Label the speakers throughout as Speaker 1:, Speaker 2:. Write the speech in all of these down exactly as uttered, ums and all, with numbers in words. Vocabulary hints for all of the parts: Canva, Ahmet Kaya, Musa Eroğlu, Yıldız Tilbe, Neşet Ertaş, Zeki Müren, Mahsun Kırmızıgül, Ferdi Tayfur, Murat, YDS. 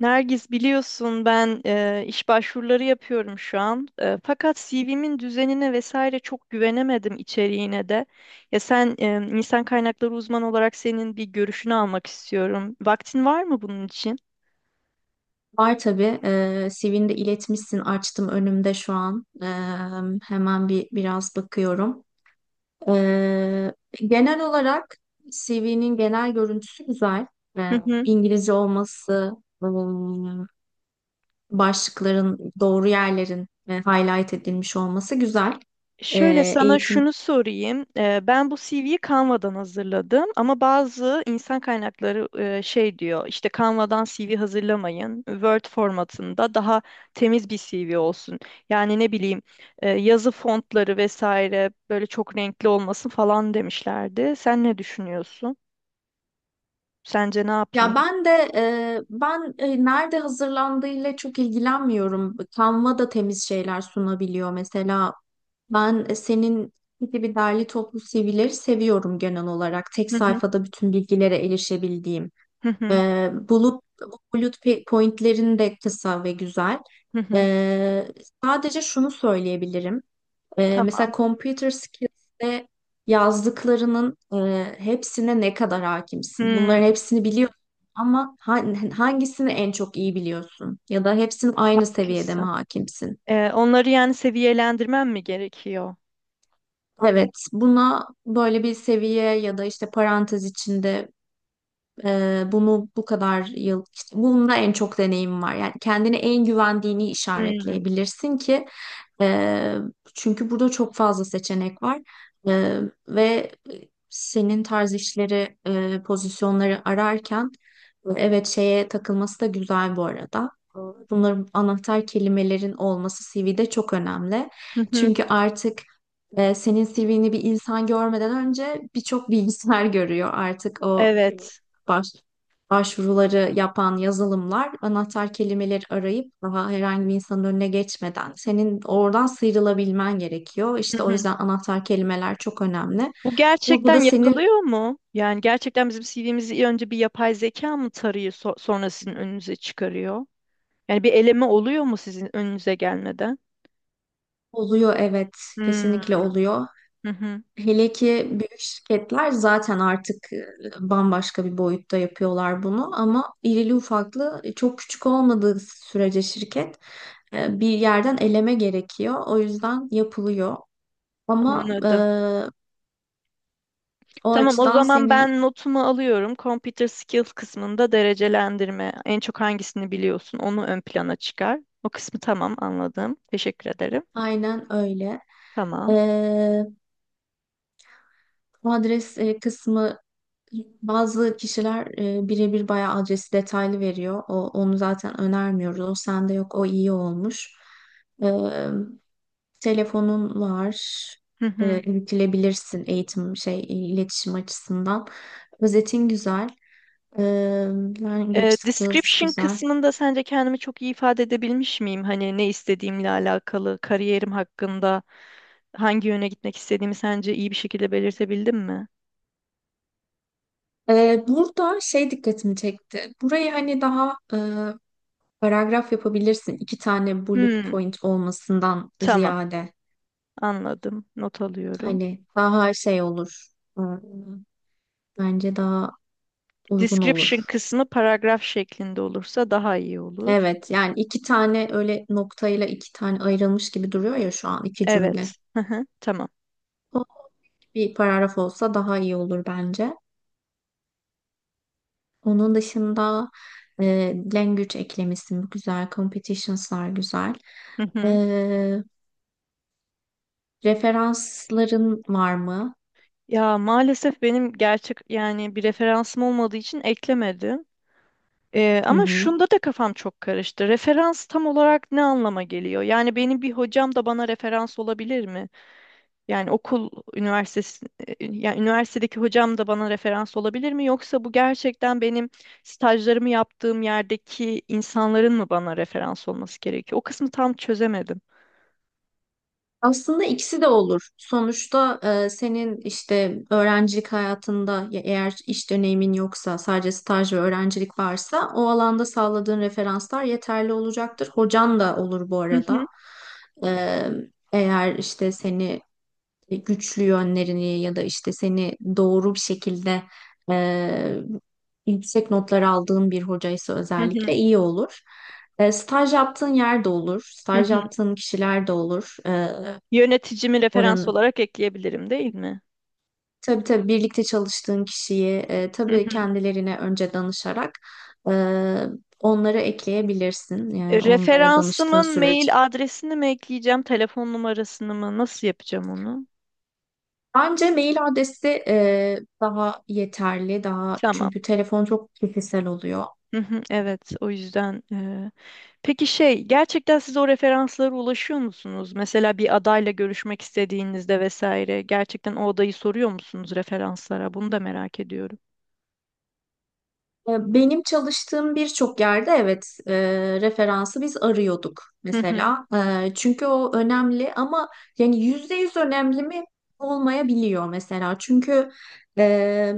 Speaker 1: Nergis biliyorsun ben e, iş başvuruları yapıyorum şu an. E, fakat C V'min düzenine vesaire çok güvenemedim içeriğine de. Ya sen e, insan kaynakları uzmanı olarak senin bir görüşünü almak istiyorum. Vaktin var mı bunun için?
Speaker 2: Var tabii. Ee, C V'ni de iletmişsin. Açtım önümde şu an. Ee, hemen bir biraz bakıyorum. Ee, genel olarak C V'nin genel görüntüsü güzel. Ee, İngilizce olması, ım, başlıkların doğru yerlerin e, highlight edilmiş olması güzel.
Speaker 1: Şöyle
Speaker 2: Ee,
Speaker 1: sana
Speaker 2: eğitim.
Speaker 1: şunu sorayım. Eee, Ben bu C V'yi Canva'dan hazırladım ama bazı insan kaynakları eee, şey diyor işte Canva'dan C V hazırlamayın. Word formatında daha temiz bir C V olsun. Yani ne bileyim eee, yazı fontları vesaire böyle çok renkli olmasın falan demişlerdi. Sen ne düşünüyorsun? Sence ne
Speaker 2: Ya
Speaker 1: yapayım?
Speaker 2: ben de e, ben e, nerede hazırlandığıyla çok ilgilenmiyorum. Canva da temiz şeyler sunabiliyor. Mesela ben e, senin gibi derli toplu C V'leri seviyorum genel olarak. Tek
Speaker 1: Hı hı,
Speaker 2: sayfada bütün bilgilere erişebildiğim.
Speaker 1: hı hı,
Speaker 2: Ee, bulut, bulut pe- pointlerin de kısa ve güzel.
Speaker 1: hı hı.
Speaker 2: Ee, Sadece şunu söyleyebilirim. Ee, mesela
Speaker 1: Tamam.
Speaker 2: computer skills'te yazdıklarının e, hepsine ne kadar hakimsin?
Speaker 1: Hmm,
Speaker 2: Bunların hepsini biliyorsun ama ha- hangisini en çok iyi biliyorsun? Ya da hepsinin aynı seviyede mi
Speaker 1: haklısın.
Speaker 2: hakimsin?
Speaker 1: Eee, onları yani seviyelendirmem mi gerekiyor?
Speaker 2: Evet, buna böyle bir seviye ya da işte parantez içinde e, bunu bu kadar yıl, işte bunda en çok deneyim var. Yani kendine en güvendiğini
Speaker 1: Hmm,
Speaker 2: işaretleyebilirsin ki ee, çünkü burada çok fazla seçenek var. Ee, Ve senin tarz işleri, e, pozisyonları ararken e, evet şeye takılması da güzel bu arada. Bunların anahtar kelimelerin olması C V'de çok önemli.
Speaker 1: hı hı.
Speaker 2: Çünkü artık e, senin C V'ni bir insan görmeden önce birçok bilgisayar görüyor artık. O
Speaker 1: Evet.
Speaker 2: baş başvuruları yapan yazılımlar anahtar kelimeleri arayıp daha herhangi bir insanın önüne geçmeden senin oradan sıyrılabilmen gerekiyor.
Speaker 1: Hı
Speaker 2: İşte o
Speaker 1: hı.
Speaker 2: yüzden anahtar kelimeler çok önemli.
Speaker 1: Bu
Speaker 2: Burada da
Speaker 1: gerçekten
Speaker 2: senin.
Speaker 1: yapılıyor mu? Yani gerçekten bizim C V'mizi önce bir yapay zeka mı tarıyor so- sonra sizin önünüze çıkarıyor? Yani bir eleme oluyor mu sizin önünüze gelmeden?
Speaker 2: Oluyor, evet, kesinlikle
Speaker 1: Hmm,
Speaker 2: oluyor.
Speaker 1: hı hı,
Speaker 2: Hele ki büyük şirketler zaten artık e, bambaşka bir boyutta yapıyorlar bunu ama irili ufaklı e, çok küçük olmadığı sürece şirket e, bir yerden eleme gerekiyor. O yüzden yapılıyor. Ama e,
Speaker 1: anladım.
Speaker 2: o
Speaker 1: Tamam, o
Speaker 2: açıdan
Speaker 1: zaman
Speaker 2: senin.
Speaker 1: ben notumu alıyorum. Computer skills kısmında derecelendirme. En çok hangisini biliyorsun onu ön plana çıkar. O kısmı tamam, anladım. Teşekkür ederim.
Speaker 2: Aynen öyle.
Speaker 1: Tamam.
Speaker 2: Ee, Bu adres e, kısmı bazı kişiler e, birebir bayağı adresi detaylı veriyor. O, onu zaten önermiyoruz. O sende yok. O iyi olmuş. Ee, Telefonun var.
Speaker 1: Hı hı.
Speaker 2: Ee, iletilebilirsin eğitim şey iletişim açısından. Özetin güzel. Ee, Language
Speaker 1: Ee,
Speaker 2: skills
Speaker 1: description
Speaker 2: güzel.
Speaker 1: kısmında sence kendimi çok iyi ifade edebilmiş miyim? Hani ne istediğimle alakalı, kariyerim hakkında hangi yöne gitmek istediğimi sence iyi bir şekilde belirtebildim mi?
Speaker 2: Ee, burada şey dikkatimi çekti. Burayı hani daha e, paragraf yapabilirsin. İki tane bullet
Speaker 1: Hmm,
Speaker 2: point olmasından
Speaker 1: tamam,
Speaker 2: ziyade.
Speaker 1: anladım. Not alıyorum.
Speaker 2: Hani daha şey olur. Hmm. Bence daha uygun
Speaker 1: Description
Speaker 2: olur.
Speaker 1: kısmı paragraf şeklinde olursa daha iyi olur.
Speaker 2: Evet, yani iki tane öyle noktayla iki tane ayrılmış gibi duruyor ya şu an iki cümle.
Speaker 1: Evet. Hı hı, tamam.
Speaker 2: O bir paragraf olsa daha iyi olur bence. Onun dışında e, language eklemişsin güzel, competitions'lar güzel.
Speaker 1: Hı
Speaker 2: E,
Speaker 1: hı.
Speaker 2: referansların var mı?
Speaker 1: Ya maalesef benim gerçek yani bir referansım olmadığı için eklemedim. Ee,
Speaker 2: Hı
Speaker 1: ama
Speaker 2: hı.
Speaker 1: şunda da kafam çok karıştı. Referans tam olarak ne anlama geliyor? Yani benim bir hocam da bana referans olabilir mi? Yani okul üniversitesi, e, yani üniversitedeki hocam da bana referans olabilir mi? Yoksa bu gerçekten benim stajlarımı yaptığım yerdeki insanların mı bana referans olması gerekiyor? O kısmı tam çözemedim.
Speaker 2: Aslında ikisi de olur. Sonuçta e, senin işte öğrencilik hayatında ya eğer iş deneyimin yoksa sadece staj ve öğrencilik varsa o alanda sağladığın referanslar yeterli olacaktır. Hocan da olur bu
Speaker 1: Hı
Speaker 2: arada.
Speaker 1: hı,
Speaker 2: E, Eğer işte seni güçlü yönlerini ya da işte seni doğru bir şekilde e, yüksek notlar aldığın bir hocaysa
Speaker 1: hı hı,
Speaker 2: özellikle iyi olur. E, staj yaptığın yer de olur.
Speaker 1: hı
Speaker 2: Staj
Speaker 1: hı.
Speaker 2: yaptığın kişiler de olur. E,
Speaker 1: Yöneticimi referans
Speaker 2: oranı.
Speaker 1: olarak ekleyebilirim, değil mi?
Speaker 2: Tabii tabii birlikte çalıştığın kişiyi e,
Speaker 1: Hı
Speaker 2: tabii
Speaker 1: hı.
Speaker 2: kendilerine önce danışarak e, onları ekleyebilirsin.
Speaker 1: E,
Speaker 2: Yani onlara danıştığın
Speaker 1: Referansımın
Speaker 2: sürece.
Speaker 1: mail adresini mi ekleyeceğim, telefon numarasını mı? Nasıl yapacağım onu?
Speaker 2: Bence mail adresi e, daha yeterli. Daha
Speaker 1: Tamam.
Speaker 2: çünkü telefon çok kişisel oluyor.
Speaker 1: Hı hı, evet, o yüzden. e, Peki şey, gerçekten siz o referanslara ulaşıyor musunuz? Mesela bir adayla görüşmek istediğinizde vesaire, gerçekten o adayı soruyor musunuz referanslara? Bunu da merak ediyorum.
Speaker 2: E, Benim çalıştığım birçok yerde evet e, referansı biz arıyorduk
Speaker 1: Hı hı,
Speaker 2: mesela. E, çünkü o önemli ama yani yüzde yüz önemli mi olmayabiliyor mesela. Çünkü e,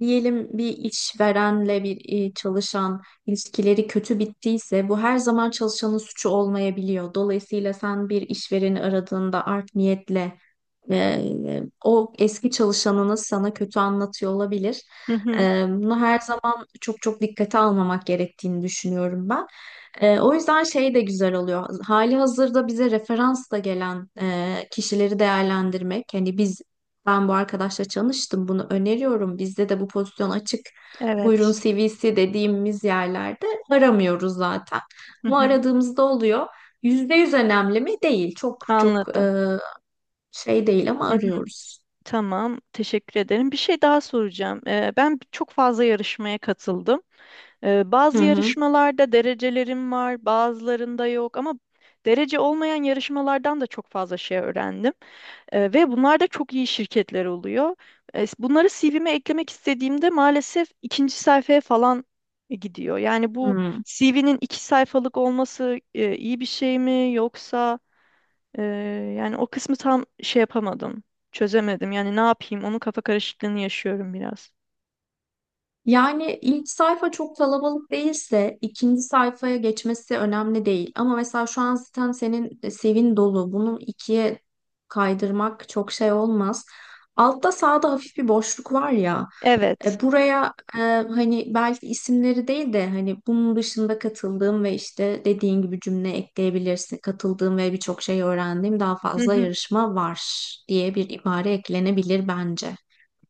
Speaker 2: diyelim bir işverenle bir e, çalışan ilişkileri kötü bittiyse bu her zaman çalışanın suçu olmayabiliyor. Dolayısıyla sen bir işvereni aradığında art niyetle e, o eski çalışanınız sana kötü anlatıyor olabilir.
Speaker 1: hı hı,
Speaker 2: E, bunu her zaman çok çok dikkate almamak gerektiğini düşünüyorum ben. E, o yüzden şey de güzel oluyor. Hali hazırda bize referans da gelen e, kişileri değerlendirmek. Hani biz ben bu arkadaşla çalıştım. Bunu öneriyorum. Bizde de bu pozisyon açık. Buyurun
Speaker 1: evet.
Speaker 2: C V'si dediğimiz yerlerde aramıyoruz zaten.
Speaker 1: Hı
Speaker 2: Ama
Speaker 1: hı,
Speaker 2: aradığımızda oluyor. Yüzde yüz önemli mi? Değil. Çok çok
Speaker 1: anladım.
Speaker 2: e, şey değil ama
Speaker 1: Hı hı,
Speaker 2: arıyoruz.
Speaker 1: tamam, teşekkür ederim. Bir şey daha soracağım. E, ben çok fazla yarışmaya katıldım. Ee,
Speaker 2: Hı
Speaker 1: bazı
Speaker 2: hı.
Speaker 1: yarışmalarda derecelerim var, bazılarında yok ama derece olmayan yarışmalardan da çok fazla şey öğrendim. Ee, ve bunlar da çok iyi şirketler oluyor. Ee, bunları C V'me eklemek istediğimde maalesef ikinci sayfaya falan e, gidiyor. Yani bu
Speaker 2: Hı.
Speaker 1: C V'nin iki sayfalık olması e, iyi bir şey mi yoksa e, yani o kısmı tam şey yapamadım, çözemedim. Yani ne yapayım? Onun kafa karışıklığını yaşıyorum biraz.
Speaker 2: Yani ilk sayfa çok kalabalık değilse ikinci sayfaya geçmesi önemli değil. Ama mesela şu an zaten senin sevin dolu. Bunu ikiye kaydırmak çok şey olmaz. Altta sağda hafif bir boşluk var ya.
Speaker 1: Evet.
Speaker 2: E, buraya e, hani belki isimleri değil de hani bunun dışında katıldığım ve işte dediğin gibi cümle ekleyebilirsin. Katıldığım ve birçok şey öğrendiğim daha
Speaker 1: Hı
Speaker 2: fazla
Speaker 1: hı.
Speaker 2: yarışma var diye bir ibare eklenebilir bence.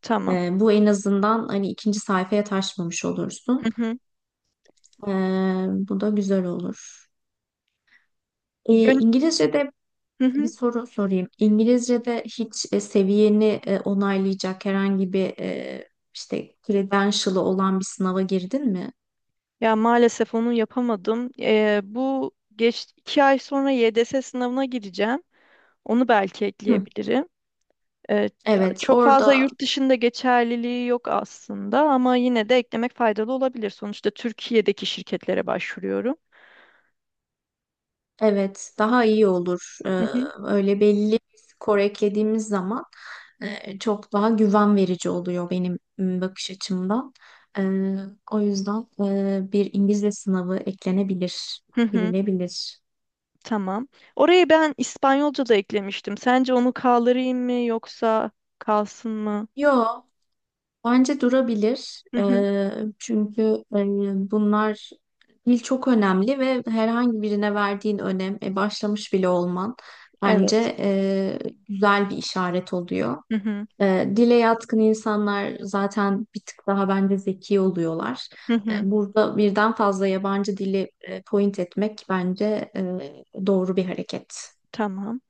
Speaker 1: Tamam.
Speaker 2: Ee, bu en azından hani ikinci sayfaya taşmamış
Speaker 1: Hı
Speaker 2: olursun.
Speaker 1: hı.
Speaker 2: Ee, bu da güzel olur. Ee, İngilizce'de
Speaker 1: Hı
Speaker 2: bir
Speaker 1: hı.
Speaker 2: soru sorayım. İngilizce'de hiç e, seviyeni e, onaylayacak herhangi bir e, işte credential'ı olan bir sınava girdin mi?
Speaker 1: Ya maalesef onu yapamadım. Ee, bu geç iki ay sonra Y D S sınavına gireceğim. Onu belki
Speaker 2: Hı.
Speaker 1: ekleyebilirim. Ee,
Speaker 2: Evet,
Speaker 1: Çok fazla
Speaker 2: orada
Speaker 1: yurt dışında geçerliliği yok aslında ama yine de eklemek faydalı olabilir. Sonuçta Türkiye'deki şirketlere başvuruyorum.
Speaker 2: evet, daha iyi olur. Ee,
Speaker 1: Hı hı.
Speaker 2: öyle belli bir skor eklediğimiz zaman e, çok daha güven verici oluyor benim m, bakış açımdan. Ee, O yüzden e, bir İngilizce sınavı eklenebilir,
Speaker 1: Hı hı.
Speaker 2: gidilebilir.
Speaker 1: Tamam. Orayı ben İspanyolca da eklemiştim. Sence onu kaldırayım mı yoksa kalsın mı?
Speaker 2: Yo, bence durabilir.
Speaker 1: Hı hı.
Speaker 2: Ee, çünkü e, bunlar dil çok önemli ve herhangi birine verdiğin önem, e, başlamış bile olman
Speaker 1: Evet.
Speaker 2: bence e, güzel bir işaret oluyor.
Speaker 1: Hı hı.
Speaker 2: E, dile yatkın insanlar zaten bir tık daha bence zeki oluyorlar.
Speaker 1: Hı
Speaker 2: E,
Speaker 1: hı.
Speaker 2: burada birden fazla yabancı dili e, point etmek bence e, doğru bir hareket.
Speaker 1: Tamam.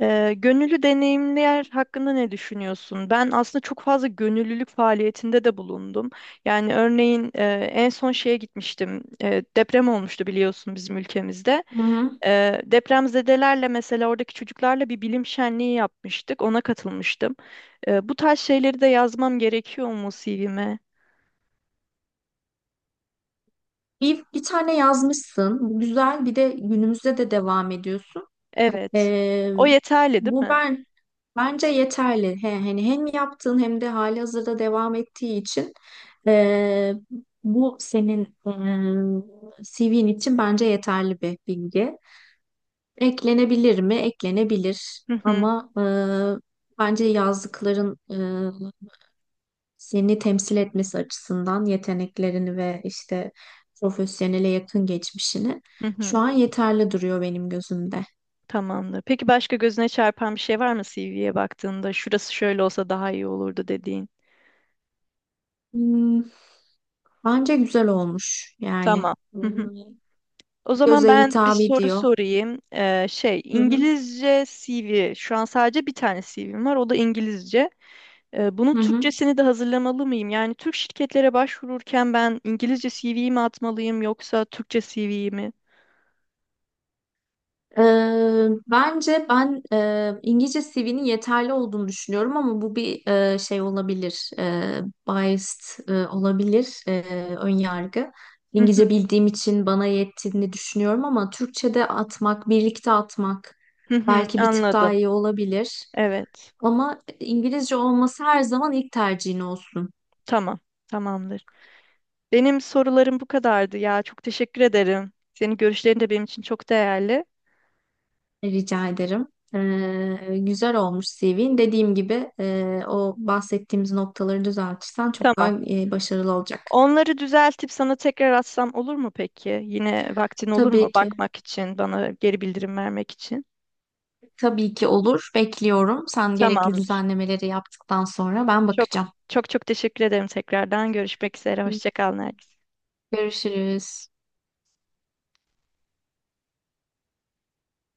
Speaker 1: Ee, gönüllü deneyimler hakkında ne düşünüyorsun? Ben aslında çok fazla gönüllülük faaliyetinde de bulundum. Yani örneğin e, en son şeye gitmiştim. E, deprem olmuştu biliyorsun bizim ülkemizde.
Speaker 2: Hı hı.
Speaker 1: E, depremzedelerle mesela oradaki çocuklarla bir bilim şenliği yapmıştık. Ona katılmıştım. E, bu tarz şeyleri de yazmam gerekiyor mu C V'me?
Speaker 2: Bir, bir tane yazmışsın. Bu güzel. Bir de günümüzde de devam ediyorsun.
Speaker 1: Evet.
Speaker 2: E,
Speaker 1: O yeterli değil
Speaker 2: bu
Speaker 1: mi?
Speaker 2: ben Bence yeterli. He, hani hem yaptığın hem de halihazırda devam ettiği için e, bu senin e, C V'nin için bence yeterli bir bilgi. Eklenebilir mi? Eklenebilir.
Speaker 1: Hı hı,
Speaker 2: Ama e, bence yazdıkların e, seni temsil etmesi açısından yeteneklerini ve işte profesyonele yakın geçmişini
Speaker 1: hı
Speaker 2: şu
Speaker 1: hı.
Speaker 2: an yeterli duruyor benim gözümde.
Speaker 1: Tamamdır. Peki başka gözüne çarpan bir şey var mı C V'ye baktığında? Şurası şöyle olsa daha iyi olurdu dediğin.
Speaker 2: Hmm, bence güzel olmuş yani.
Speaker 1: Tamam. Hı hı.
Speaker 2: Hmm,
Speaker 1: O zaman
Speaker 2: Göze
Speaker 1: ben bir
Speaker 2: hitap
Speaker 1: soru
Speaker 2: ediyor.
Speaker 1: sorayım. Ee, şey,
Speaker 2: Hı hı.
Speaker 1: İngilizce C V. Şu an sadece bir tane C V'm var. O da İngilizce. Ee, bunun
Speaker 2: Hı hı.
Speaker 1: Türkçesini de hazırlamalı mıyım? Yani Türk şirketlere başvururken ben İngilizce C V'yi mi atmalıyım yoksa Türkçe C V'yi mi?
Speaker 2: Ee, bence ben e, İngilizce C V'nin yeterli olduğunu düşünüyorum ama bu bir e, şey olabilir, e, biased e, olabilir, e, ön yargı.
Speaker 1: Hı hı,
Speaker 2: İngilizce bildiğim için bana yettiğini düşünüyorum ama Türkçe'de atmak, birlikte atmak
Speaker 1: hı hı,
Speaker 2: belki bir tık daha
Speaker 1: anladım.
Speaker 2: iyi olabilir.
Speaker 1: Evet.
Speaker 2: Ama İngilizce olması her zaman ilk tercihin olsun.
Speaker 1: Tamam. Tamamdır. Benim sorularım bu kadardı ya. Çok teşekkür ederim. Senin görüşlerin de benim için çok değerli.
Speaker 2: Rica ederim. Ee, güzel olmuş C V'in. Dediğim gibi e, o bahsettiğimiz noktaları düzeltirsen çok daha
Speaker 1: Tamam.
Speaker 2: e, başarılı olacak.
Speaker 1: Onları düzeltip sana tekrar atsam olur mu peki? Yine vaktin olur mu
Speaker 2: Tabii ki,
Speaker 1: bakmak için, bana geri bildirim vermek için?
Speaker 2: tabii ki olur. Bekliyorum. Sen gerekli
Speaker 1: Tamamdır.
Speaker 2: düzenlemeleri yaptıktan sonra ben
Speaker 1: Çok
Speaker 2: bakacağım.
Speaker 1: çok çok teşekkür ederim tekrardan. Görüşmek üzere. Hoşça kal Nergis.
Speaker 2: Görüşürüz.